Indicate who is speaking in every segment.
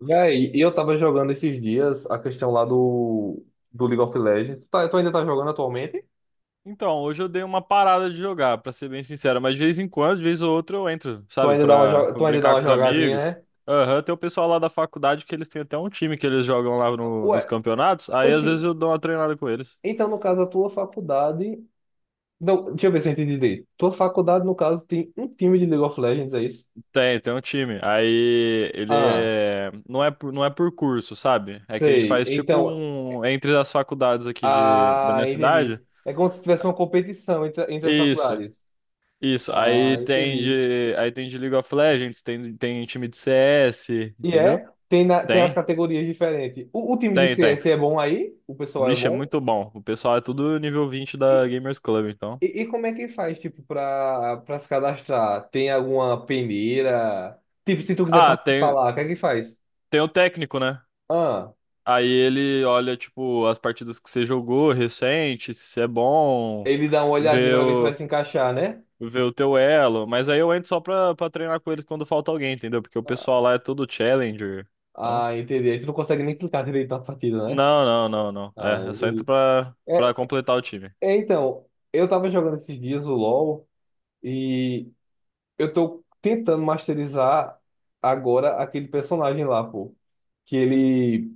Speaker 1: Véi, e eu tava jogando esses dias a questão lá do League of Legends. Tu, tu ainda tá jogando atualmente?
Speaker 2: Então, hoje eu dei uma parada de jogar, pra ser bem sincero, mas de vez em quando, de vez ou outra eu entro,
Speaker 1: Tu
Speaker 2: sabe,
Speaker 1: ainda dá uma,
Speaker 2: pra, pra
Speaker 1: tu ainda dá
Speaker 2: brincar
Speaker 1: uma
Speaker 2: com os
Speaker 1: jogadinha,
Speaker 2: amigos.
Speaker 1: né?
Speaker 2: Aham, tem o pessoal lá da faculdade que eles têm até um time que eles jogam lá no-
Speaker 1: Ué,
Speaker 2: nos campeonatos, aí às
Speaker 1: oxe,
Speaker 2: vezes eu dou uma treinada com eles.
Speaker 1: então no caso a tua faculdade. Não, deixa eu ver se eu entendi direito. Tua faculdade, no caso, tem um time de League of Legends, é isso?
Speaker 2: Tem, tem um time. Aí ele
Speaker 1: Ah,
Speaker 2: é. Não é por curso, sabe? É que a gente
Speaker 1: sei.
Speaker 2: faz tipo
Speaker 1: Então,
Speaker 2: um. Entre as faculdades aqui da
Speaker 1: ah,
Speaker 2: minha cidade.
Speaker 1: entendi. É como se tivesse uma competição entre as
Speaker 2: Isso,
Speaker 1: faculdades.
Speaker 2: isso.
Speaker 1: Ah,
Speaker 2: Aí tem
Speaker 1: entendi.
Speaker 2: de. Aí tem de League of Legends, tem, tem time de CS,
Speaker 1: E
Speaker 2: entendeu?
Speaker 1: é? Tem, tem as
Speaker 2: Tem.
Speaker 1: categorias diferentes. O time de
Speaker 2: Tem, tem.
Speaker 1: CS é bom aí? O pessoal é
Speaker 2: Vixe, é
Speaker 1: bom?
Speaker 2: muito bom. O pessoal é tudo nível 20 da Gamers Club, então.
Speaker 1: E como é que faz, tipo, pra se cadastrar? Tem alguma peneira? Tipo, se tu quiser
Speaker 2: Ah,
Speaker 1: participar
Speaker 2: tem,
Speaker 1: lá, o que é que faz?
Speaker 2: tem o técnico, né?
Speaker 1: Ah,
Speaker 2: Aí ele olha, tipo, as partidas que você jogou recente, se você é bom,
Speaker 1: ele dá uma olhadinha
Speaker 2: vê
Speaker 1: pra ver se vai
Speaker 2: o,
Speaker 1: se encaixar, né?
Speaker 2: vê o teu elo. Mas aí eu entro só pra treinar com eles quando falta alguém, entendeu? Porque o pessoal
Speaker 1: Ah,
Speaker 2: lá é todo challenger. Então.
Speaker 1: ah, entendi. Aí tu não consegue nem clicar direito na partida, né?
Speaker 2: Não, não, não, não.
Speaker 1: Ah,
Speaker 2: É, eu só entro
Speaker 1: entendi.
Speaker 2: pra
Speaker 1: É,
Speaker 2: completar o time.
Speaker 1: é, então, eu tava jogando esses dias o LoL e eu tô tentando masterizar agora aquele personagem lá, pô. Que ele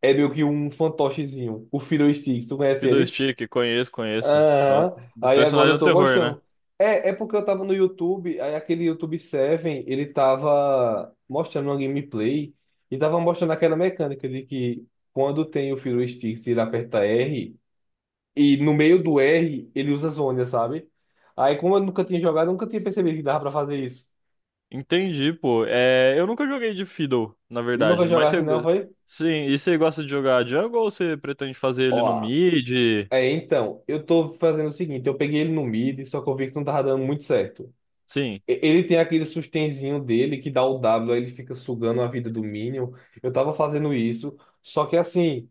Speaker 1: é meio que um fantochezinho, o Fiddlesticks. Tu conhece ele?
Speaker 2: Fiddlestick, conheço, conheço. É o,
Speaker 1: Aham.
Speaker 2: dos
Speaker 1: Aí agora
Speaker 2: personagens é
Speaker 1: eu
Speaker 2: um
Speaker 1: tô
Speaker 2: terror, né?
Speaker 1: gostando. É porque eu tava no YouTube, aí aquele YouTube Seven ele tava mostrando uma gameplay e tava mostrando aquela mecânica de que quando tem o Fiddle Sticks, ele aperta R e no meio do R ele usa zônia, sabe? Aí como eu nunca tinha jogado, eu nunca tinha percebido que dava pra fazer isso.
Speaker 2: Entendi, pô. É, eu nunca joguei de Fiddle, na
Speaker 1: Nunca
Speaker 2: verdade. Mas
Speaker 1: jogasse
Speaker 2: você.
Speaker 1: assim, não, foi?
Speaker 2: Sim, e você gosta de jogar jungle ou você pretende fazer ele no
Speaker 1: Ó,
Speaker 2: mid?
Speaker 1: é, então, eu tô fazendo o seguinte, eu peguei ele no mid, só que eu vi que não tava dando muito certo.
Speaker 2: Sim,
Speaker 1: Ele tem aquele sustenzinho dele que dá o W, aí ele fica sugando a vida do Minion. Eu tava fazendo isso, só que assim,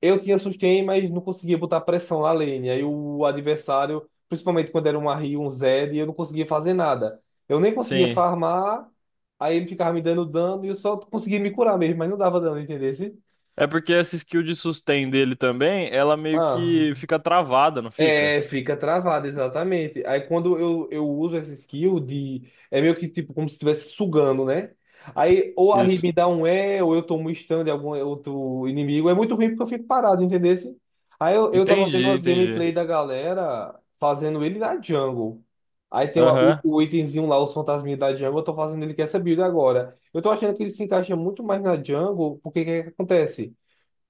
Speaker 1: eu tinha sustain, mas não conseguia botar pressão na lane. Aí o adversário, principalmente quando era um Ahri, um Zed, eu não conseguia fazer nada. Eu nem conseguia
Speaker 2: sim.
Speaker 1: farmar, aí ele ficava me dando dano e eu só conseguia me curar mesmo, mas não dava dano, entendesse?
Speaker 2: É porque essa skill de sustain dele também, ela meio que
Speaker 1: Ah.
Speaker 2: fica travada, não fica?
Speaker 1: É, fica travado, exatamente. Aí quando eu uso essa skill de. É meio que tipo como se estivesse sugando, né? Aí ou a Ribe
Speaker 2: Isso.
Speaker 1: me dá um E, ou eu tomo um stun de algum outro inimigo. É muito ruim porque eu fico parado, entendeu? Aí eu tava vendo
Speaker 2: Entendi,
Speaker 1: umas
Speaker 2: entendi.
Speaker 1: gameplay da galera fazendo ele na jungle. Aí tem o, o,
Speaker 2: Aham.
Speaker 1: o itemzinho lá, os fantasminhas da jungle, eu tô fazendo ele com essa build agora. Eu tô achando que ele se encaixa muito mais na jungle, porque o que que acontece?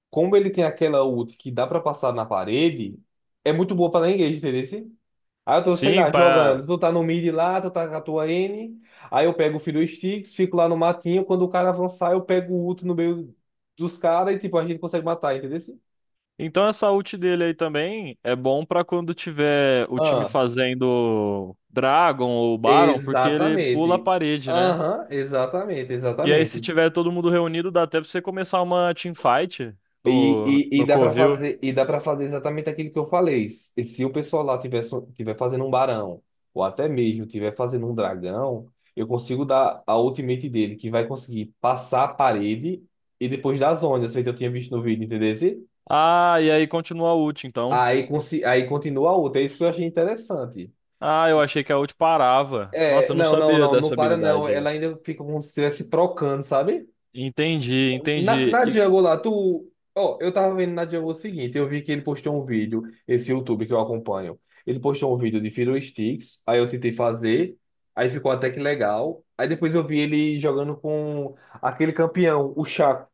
Speaker 1: Como ele tem aquela ult que dá pra passar na parede, é muito boa pra dar engage, entendeu? Assim? Aí eu tô, sei
Speaker 2: Sim,
Speaker 1: lá, jogando.
Speaker 2: pra...
Speaker 1: Tu tá no mid lá, tu tá com a tua N. Aí eu pego o Fiddle Sticks, fico lá no matinho. Quando o cara avançar, eu pego o ult no meio dos caras e, tipo, a gente consegue matar, entendeu? Assim?
Speaker 2: Então essa ult dele aí também é bom pra quando tiver o time
Speaker 1: Ah,
Speaker 2: fazendo Dragon ou Baron, porque ele pula a
Speaker 1: exatamente.
Speaker 2: parede, né?
Speaker 1: Aham, exatamente,
Speaker 2: E aí, se
Speaker 1: exatamente.
Speaker 2: tiver todo mundo reunido, dá até pra você começar uma teamfight
Speaker 1: E, e, e
Speaker 2: no
Speaker 1: dá para
Speaker 2: Covil.
Speaker 1: fazer e dá para fazer exatamente aquilo que eu falei. E se o pessoal lá tiver, tiver fazendo um barão, ou até mesmo tiver fazendo um dragão, eu consigo dar a ultimate dele, que vai conseguir passar a parede e depois das ondas, feito eu tinha visto no vídeo, entendeu?
Speaker 2: Ah, e aí continua a ult, então.
Speaker 1: Aí, aí continua a outra. É isso que eu achei interessante.
Speaker 2: Ah, eu achei que a ult parava. Nossa,
Speaker 1: É,
Speaker 2: eu não
Speaker 1: não, não,
Speaker 2: sabia
Speaker 1: não,
Speaker 2: dessa
Speaker 1: não para não.
Speaker 2: habilidade
Speaker 1: Ela
Speaker 2: aí.
Speaker 1: ainda fica como se estivesse trocando, sabe?
Speaker 2: Entendi, entendi.
Speaker 1: Na
Speaker 2: E-
Speaker 1: Django lá, tu. Ó, eu tava vendo na Django o seguinte, eu vi que ele postou um vídeo, esse YouTube que eu acompanho. Ele postou um vídeo de Fiddle Sticks, aí eu tentei fazer, aí ficou até que legal. Aí depois eu vi ele jogando com aquele campeão, o Chaco.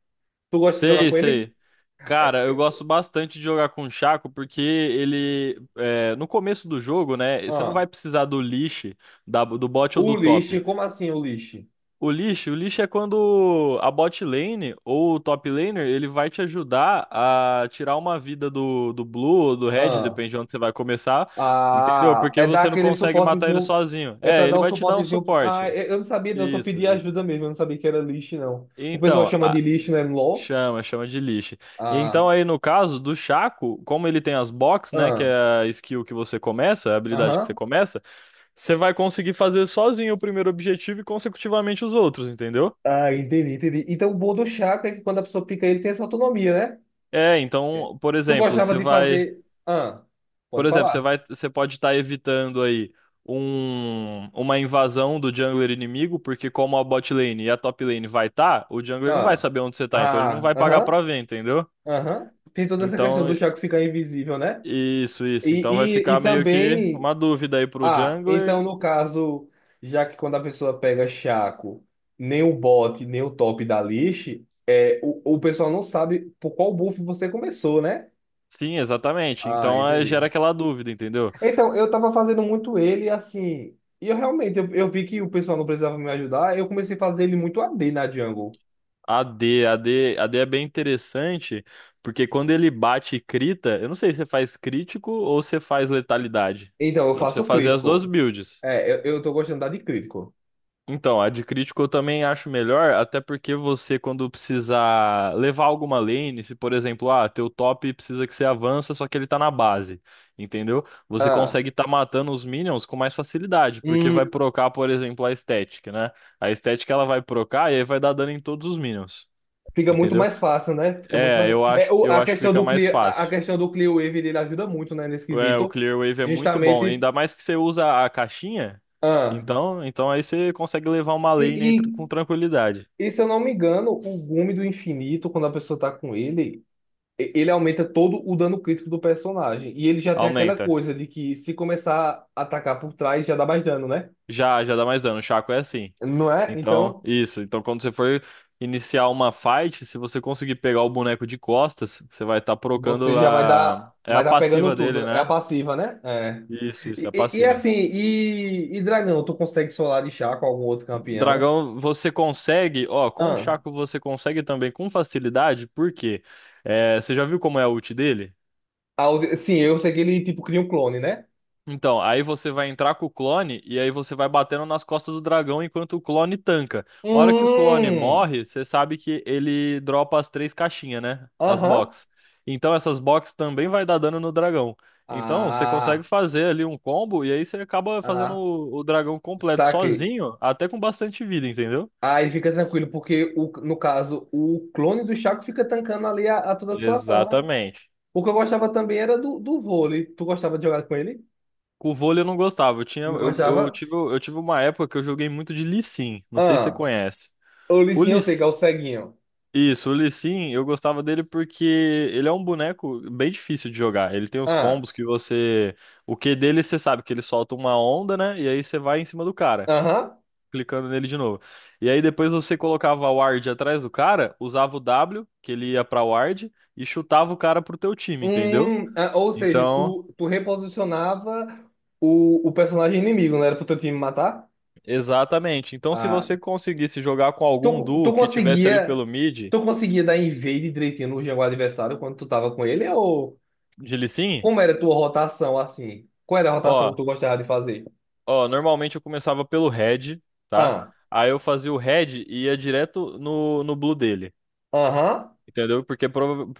Speaker 1: Tu gosta de jogar
Speaker 2: sei,
Speaker 1: com ele?
Speaker 2: sei. Cara, eu gosto bastante de jogar com o Chaco porque ele, é, no começo do jogo, né, você não
Speaker 1: Ah.
Speaker 2: vai precisar do leash, do bot ou
Speaker 1: O
Speaker 2: do top.
Speaker 1: Lich, como assim o Lich?
Speaker 2: O lixo é quando a bot lane ou o top laner, ele vai te ajudar a tirar uma vida do blue ou do red,
Speaker 1: Ah.
Speaker 2: depende de onde você vai começar, entendeu?
Speaker 1: Ah,
Speaker 2: Porque
Speaker 1: é dar
Speaker 2: você não
Speaker 1: aquele
Speaker 2: consegue matar ele
Speaker 1: suportezinho.
Speaker 2: sozinho.
Speaker 1: É
Speaker 2: É,
Speaker 1: pra dar
Speaker 2: ele
Speaker 1: o
Speaker 2: vai te dar um
Speaker 1: suportezinho.
Speaker 2: suporte.
Speaker 1: Ah, eu não sabia, não, eu só
Speaker 2: Isso,
Speaker 1: pedi
Speaker 2: isso.
Speaker 1: ajuda mesmo, eu não sabia que era Lich, não. O pessoal
Speaker 2: Então,
Speaker 1: chama de
Speaker 2: a-
Speaker 1: Lich, né, no LoL.
Speaker 2: chama, chama de lixo. Então
Speaker 1: Ah.
Speaker 2: aí no caso do chaco como ele tem as box, né, que
Speaker 1: Ah,
Speaker 2: é a skill que você começa, a habilidade que você
Speaker 1: aham.
Speaker 2: começa, você vai conseguir fazer sozinho o primeiro objetivo e consecutivamente os outros, entendeu?
Speaker 1: Ah, entendi, entendi. Então, o bom do chaco é que quando a pessoa pica ele, tem essa autonomia,
Speaker 2: É,
Speaker 1: né? É.
Speaker 2: então,
Speaker 1: Tu gostava de fazer. Ah,
Speaker 2: por
Speaker 1: pode
Speaker 2: exemplo, você
Speaker 1: falar.
Speaker 2: vai, você pode estar evitando aí um, uma invasão do jungler inimigo, porque como a bot lane e a top lane vai estar, o jungler não vai
Speaker 1: Ah,
Speaker 2: saber onde você tá, então ele não
Speaker 1: ah,
Speaker 2: vai pagar
Speaker 1: aham,
Speaker 2: pra ver, entendeu?
Speaker 1: aham. Tem toda essa questão
Speaker 2: Então,
Speaker 1: do chaco ficar invisível, né?
Speaker 2: isso, isso. Então vai
Speaker 1: E, e,
Speaker 2: ficar
Speaker 1: e
Speaker 2: meio que
Speaker 1: também.
Speaker 2: uma dúvida aí pro
Speaker 1: Ah,
Speaker 2: jungler.
Speaker 1: então, no caso, já que quando a pessoa pega chaco, nem o bot, nem o top da lixe, é, o pessoal não sabe por qual buff você começou, né?
Speaker 2: Sim, exatamente.
Speaker 1: Ah,
Speaker 2: Então
Speaker 1: entendi.
Speaker 2: gera aquela dúvida, entendeu?
Speaker 1: Então, eu tava fazendo muito ele assim. E eu realmente, eu vi que o pessoal não precisava me ajudar. Eu comecei a fazer ele muito a d na Django.
Speaker 2: AD, AD, AD é bem interessante, porque quando ele bate e crita, eu não sei se você faz crítico ou se faz letalidade.
Speaker 1: Então, eu
Speaker 2: Dá pra você
Speaker 1: faço
Speaker 2: fazer as duas
Speaker 1: crítico.
Speaker 2: builds.
Speaker 1: É, eu tô gostando de crítico.
Speaker 2: Então, a de crítico eu também acho melhor, até porque você, quando precisar levar alguma lane, se por exemplo, ah, teu top precisa que você avança, só que ele tá na base, entendeu? Você
Speaker 1: Ah.
Speaker 2: consegue tá matando os minions com mais facilidade, porque vai
Speaker 1: Hum,
Speaker 2: procar, por exemplo, a estética, né? A estética ela vai procar e aí vai dar dano em todos os minions.
Speaker 1: fica muito
Speaker 2: Entendeu?
Speaker 1: mais fácil, né? Fica muito
Speaker 2: É,
Speaker 1: mais. É, o,
Speaker 2: eu
Speaker 1: a
Speaker 2: acho que
Speaker 1: questão
Speaker 2: fica
Speaker 1: do
Speaker 2: mais
Speaker 1: Clear, a
Speaker 2: fácil.
Speaker 1: questão do Clear Wave, ele ajuda muito, né, nesse
Speaker 2: É, o
Speaker 1: quesito.
Speaker 2: Clearwave é muito bom,
Speaker 1: Justamente.
Speaker 2: ainda mais que você usa a caixinha,
Speaker 1: Ah.
Speaker 2: então aí você consegue levar uma
Speaker 1: E,
Speaker 2: lane aí
Speaker 1: e,
Speaker 2: tr- com tranquilidade.
Speaker 1: e se eu não me engano, o Gume do Infinito, quando a pessoa tá com ele. Ele aumenta todo o dano crítico do personagem. E ele já tem aquela
Speaker 2: Aumenta.
Speaker 1: coisa de que se começar a atacar por trás, já dá mais dano, né?
Speaker 2: Já, já dá mais dano. O Chaco é assim.
Speaker 1: Não é?
Speaker 2: Então,
Speaker 1: Então,
Speaker 2: isso. Então, quando você for iniciar uma fight, se você conseguir pegar o boneco de costas, você vai estar
Speaker 1: você
Speaker 2: procando
Speaker 1: já
Speaker 2: a é
Speaker 1: vai
Speaker 2: a
Speaker 1: dar pegando
Speaker 2: passiva dele,
Speaker 1: tudo. É a
Speaker 2: né?
Speaker 1: passiva, né? É.
Speaker 2: Isso
Speaker 1: E,
Speaker 2: é a
Speaker 1: e
Speaker 2: passiva.
Speaker 1: assim, e Dragão, tu consegue solar de chá com algum outro campeão?
Speaker 2: Dragão, você consegue, ó, com o
Speaker 1: Ah,
Speaker 2: Chaco você consegue também com facilidade, por quê? É, você já viu como é a ult dele?
Speaker 1: Sim, eu sei que ele, tipo, cria um clone, né?
Speaker 2: Então, aí você vai entrar com o clone e aí você vai batendo nas costas do dragão enquanto o clone tanca. A hora que o clone
Speaker 1: Hum,
Speaker 2: morre, você sabe que ele dropa as três caixinhas, né? As
Speaker 1: aham.
Speaker 2: box. Então essas box também vai dar dano no dragão. Então, você consegue
Speaker 1: Ah,
Speaker 2: fazer ali um combo e aí você acaba fazendo
Speaker 1: ah,
Speaker 2: o dragão completo
Speaker 1: saquei.
Speaker 2: sozinho, até com bastante vida, entendeu?
Speaker 1: Aí fica tranquilo, porque o, no caso, o clone do Chaco fica tancando ali a toda a situação, né?
Speaker 2: Exatamente.
Speaker 1: O que eu gostava também era do vôlei. Tu gostava de jogar com ele?
Speaker 2: Com o vôlei eu não gostava.
Speaker 1: Não
Speaker 2: Eu
Speaker 1: gostava?
Speaker 2: tive, uma época que eu joguei muito de Lee Sin. Não sei se você
Speaker 1: Ah,
Speaker 2: conhece.
Speaker 1: o
Speaker 2: O
Speaker 1: Licinho,
Speaker 2: Lee,
Speaker 1: eu sei que é o ceguinho.
Speaker 2: isso, o Lee Sin, eu gostava dele porque ele é um boneco bem difícil de jogar. Ele tem uns
Speaker 1: Ah,
Speaker 2: combos que você, o Q dele você sabe que ele solta uma onda, né? E aí você vai em cima do cara,
Speaker 1: aham.
Speaker 2: clicando nele de novo. E aí depois você colocava a ward atrás do cara, usava o W, que ele ia pra ward e chutava o cara pro teu time, entendeu?
Speaker 1: Ah, ou seja,
Speaker 2: Então,
Speaker 1: tu reposicionava o personagem inimigo, não era pro teu time matar?
Speaker 2: exatamente. Então, se
Speaker 1: Ah,
Speaker 2: você conseguisse jogar com algum
Speaker 1: tu,
Speaker 2: duo
Speaker 1: tu
Speaker 2: que tivesse ali
Speaker 1: conseguia,
Speaker 2: pelo mid,
Speaker 1: tu conseguia dar invade direitinho no jogo adversário quando tu tava com ele, ou...
Speaker 2: de Lee Sin,
Speaker 1: Como era a tua rotação assim? Qual era a rotação
Speaker 2: ó,
Speaker 1: que tu gostava de fazer?
Speaker 2: ó, normalmente eu começava pelo red, tá?
Speaker 1: Ah,
Speaker 2: Aí eu fazia o red e ia direto no blue dele,
Speaker 1: aham,
Speaker 2: entendeu? Porque prova-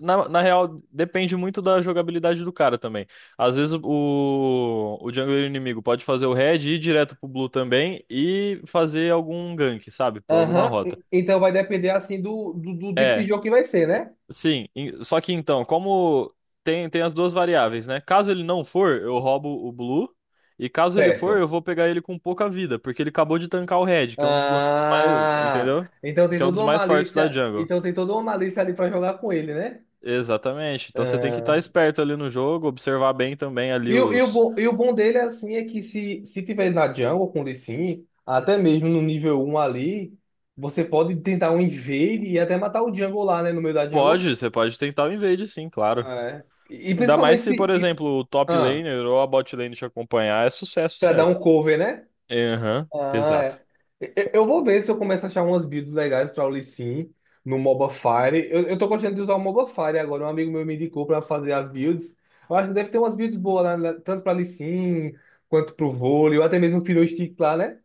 Speaker 2: na real depende muito da jogabilidade do cara também. Às vezes o jungler inimigo pode fazer o red e ir direto pro blue também e fazer algum gank, sabe? Por alguma
Speaker 1: aham.
Speaker 2: rota.
Speaker 1: Então vai depender assim do tipo de
Speaker 2: É,
Speaker 1: jogo que vai ser, né?
Speaker 2: sim, em- só que então, como tem as duas variáveis, né? Caso ele não for, eu roubo o Blue. E caso ele for, eu
Speaker 1: Certo.
Speaker 2: vou pegar ele com pouca vida, porque ele acabou de tancar o Red, que é um dos bonecos mais,
Speaker 1: Ah,
Speaker 2: entendeu?
Speaker 1: então tem
Speaker 2: Que é um
Speaker 1: toda
Speaker 2: dos
Speaker 1: uma
Speaker 2: mais fortes da
Speaker 1: malícia,
Speaker 2: jungle.
Speaker 1: então tem toda uma malícia ali pra jogar com ele, né?
Speaker 2: Exatamente. Então você tem que estar
Speaker 1: Ah,
Speaker 2: esperto ali no jogo, observar bem também ali
Speaker 1: e, o, e, o
Speaker 2: os.
Speaker 1: bom, e o bom dele assim é que se tiver na jungle com o Lee Sin, até mesmo no nível um ali, você pode tentar um invade e até matar o jungle lá, né, no meio da jungle.
Speaker 2: Pode, você pode tentar o invade, sim, claro.
Speaker 1: Ah, É. E, e
Speaker 2: Ainda mais
Speaker 1: principalmente
Speaker 2: se, por
Speaker 1: se. E,
Speaker 2: exemplo, o top
Speaker 1: ah,
Speaker 2: laner ou a bot lane te acompanhar, é sucesso,
Speaker 1: pra dar
Speaker 2: certo?
Speaker 1: um cover, né?
Speaker 2: Aham,
Speaker 1: Ah,
Speaker 2: exato.
Speaker 1: é. Eu vou ver se eu começo a achar umas builds legais pra o Lee Sin no moba Fire. Eu tô gostando de usar o Mobile Fire agora. Um amigo meu me indicou pra fazer as builds. Eu acho que deve ter umas builds boas lá, né? tanto pra Lee Sin, quanto pro vôlei, ou até mesmo o Stick lá, né?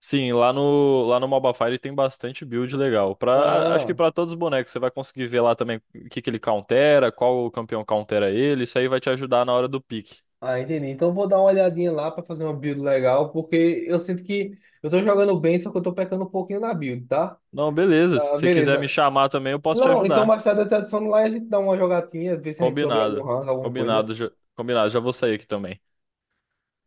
Speaker 2: Sim, lá no Mobile fire tem bastante build legal. Pra, a- acho que
Speaker 1: Ah,
Speaker 2: pra todos os bonecos, você vai conseguir ver lá também o que que ele countera, qual o campeão countera ele, isso aí vai te ajudar na hora do pique.
Speaker 1: ah, entendi. Então eu vou dar uma olhadinha lá pra fazer uma build legal, porque eu sinto que eu tô jogando bem, só que eu tô pecando um pouquinho na build, tá?
Speaker 2: Não, beleza, se
Speaker 1: Ah,
Speaker 2: você quiser me
Speaker 1: beleza.
Speaker 2: chamar também, eu posso te
Speaker 1: Não, então
Speaker 2: ajudar.
Speaker 1: mais tarde da tradução lá a gente dá uma jogatinha, ver se a gente souber algum
Speaker 2: Combinado.
Speaker 1: rank, alguma coisa.
Speaker 2: Combinado, já vou sair aqui também.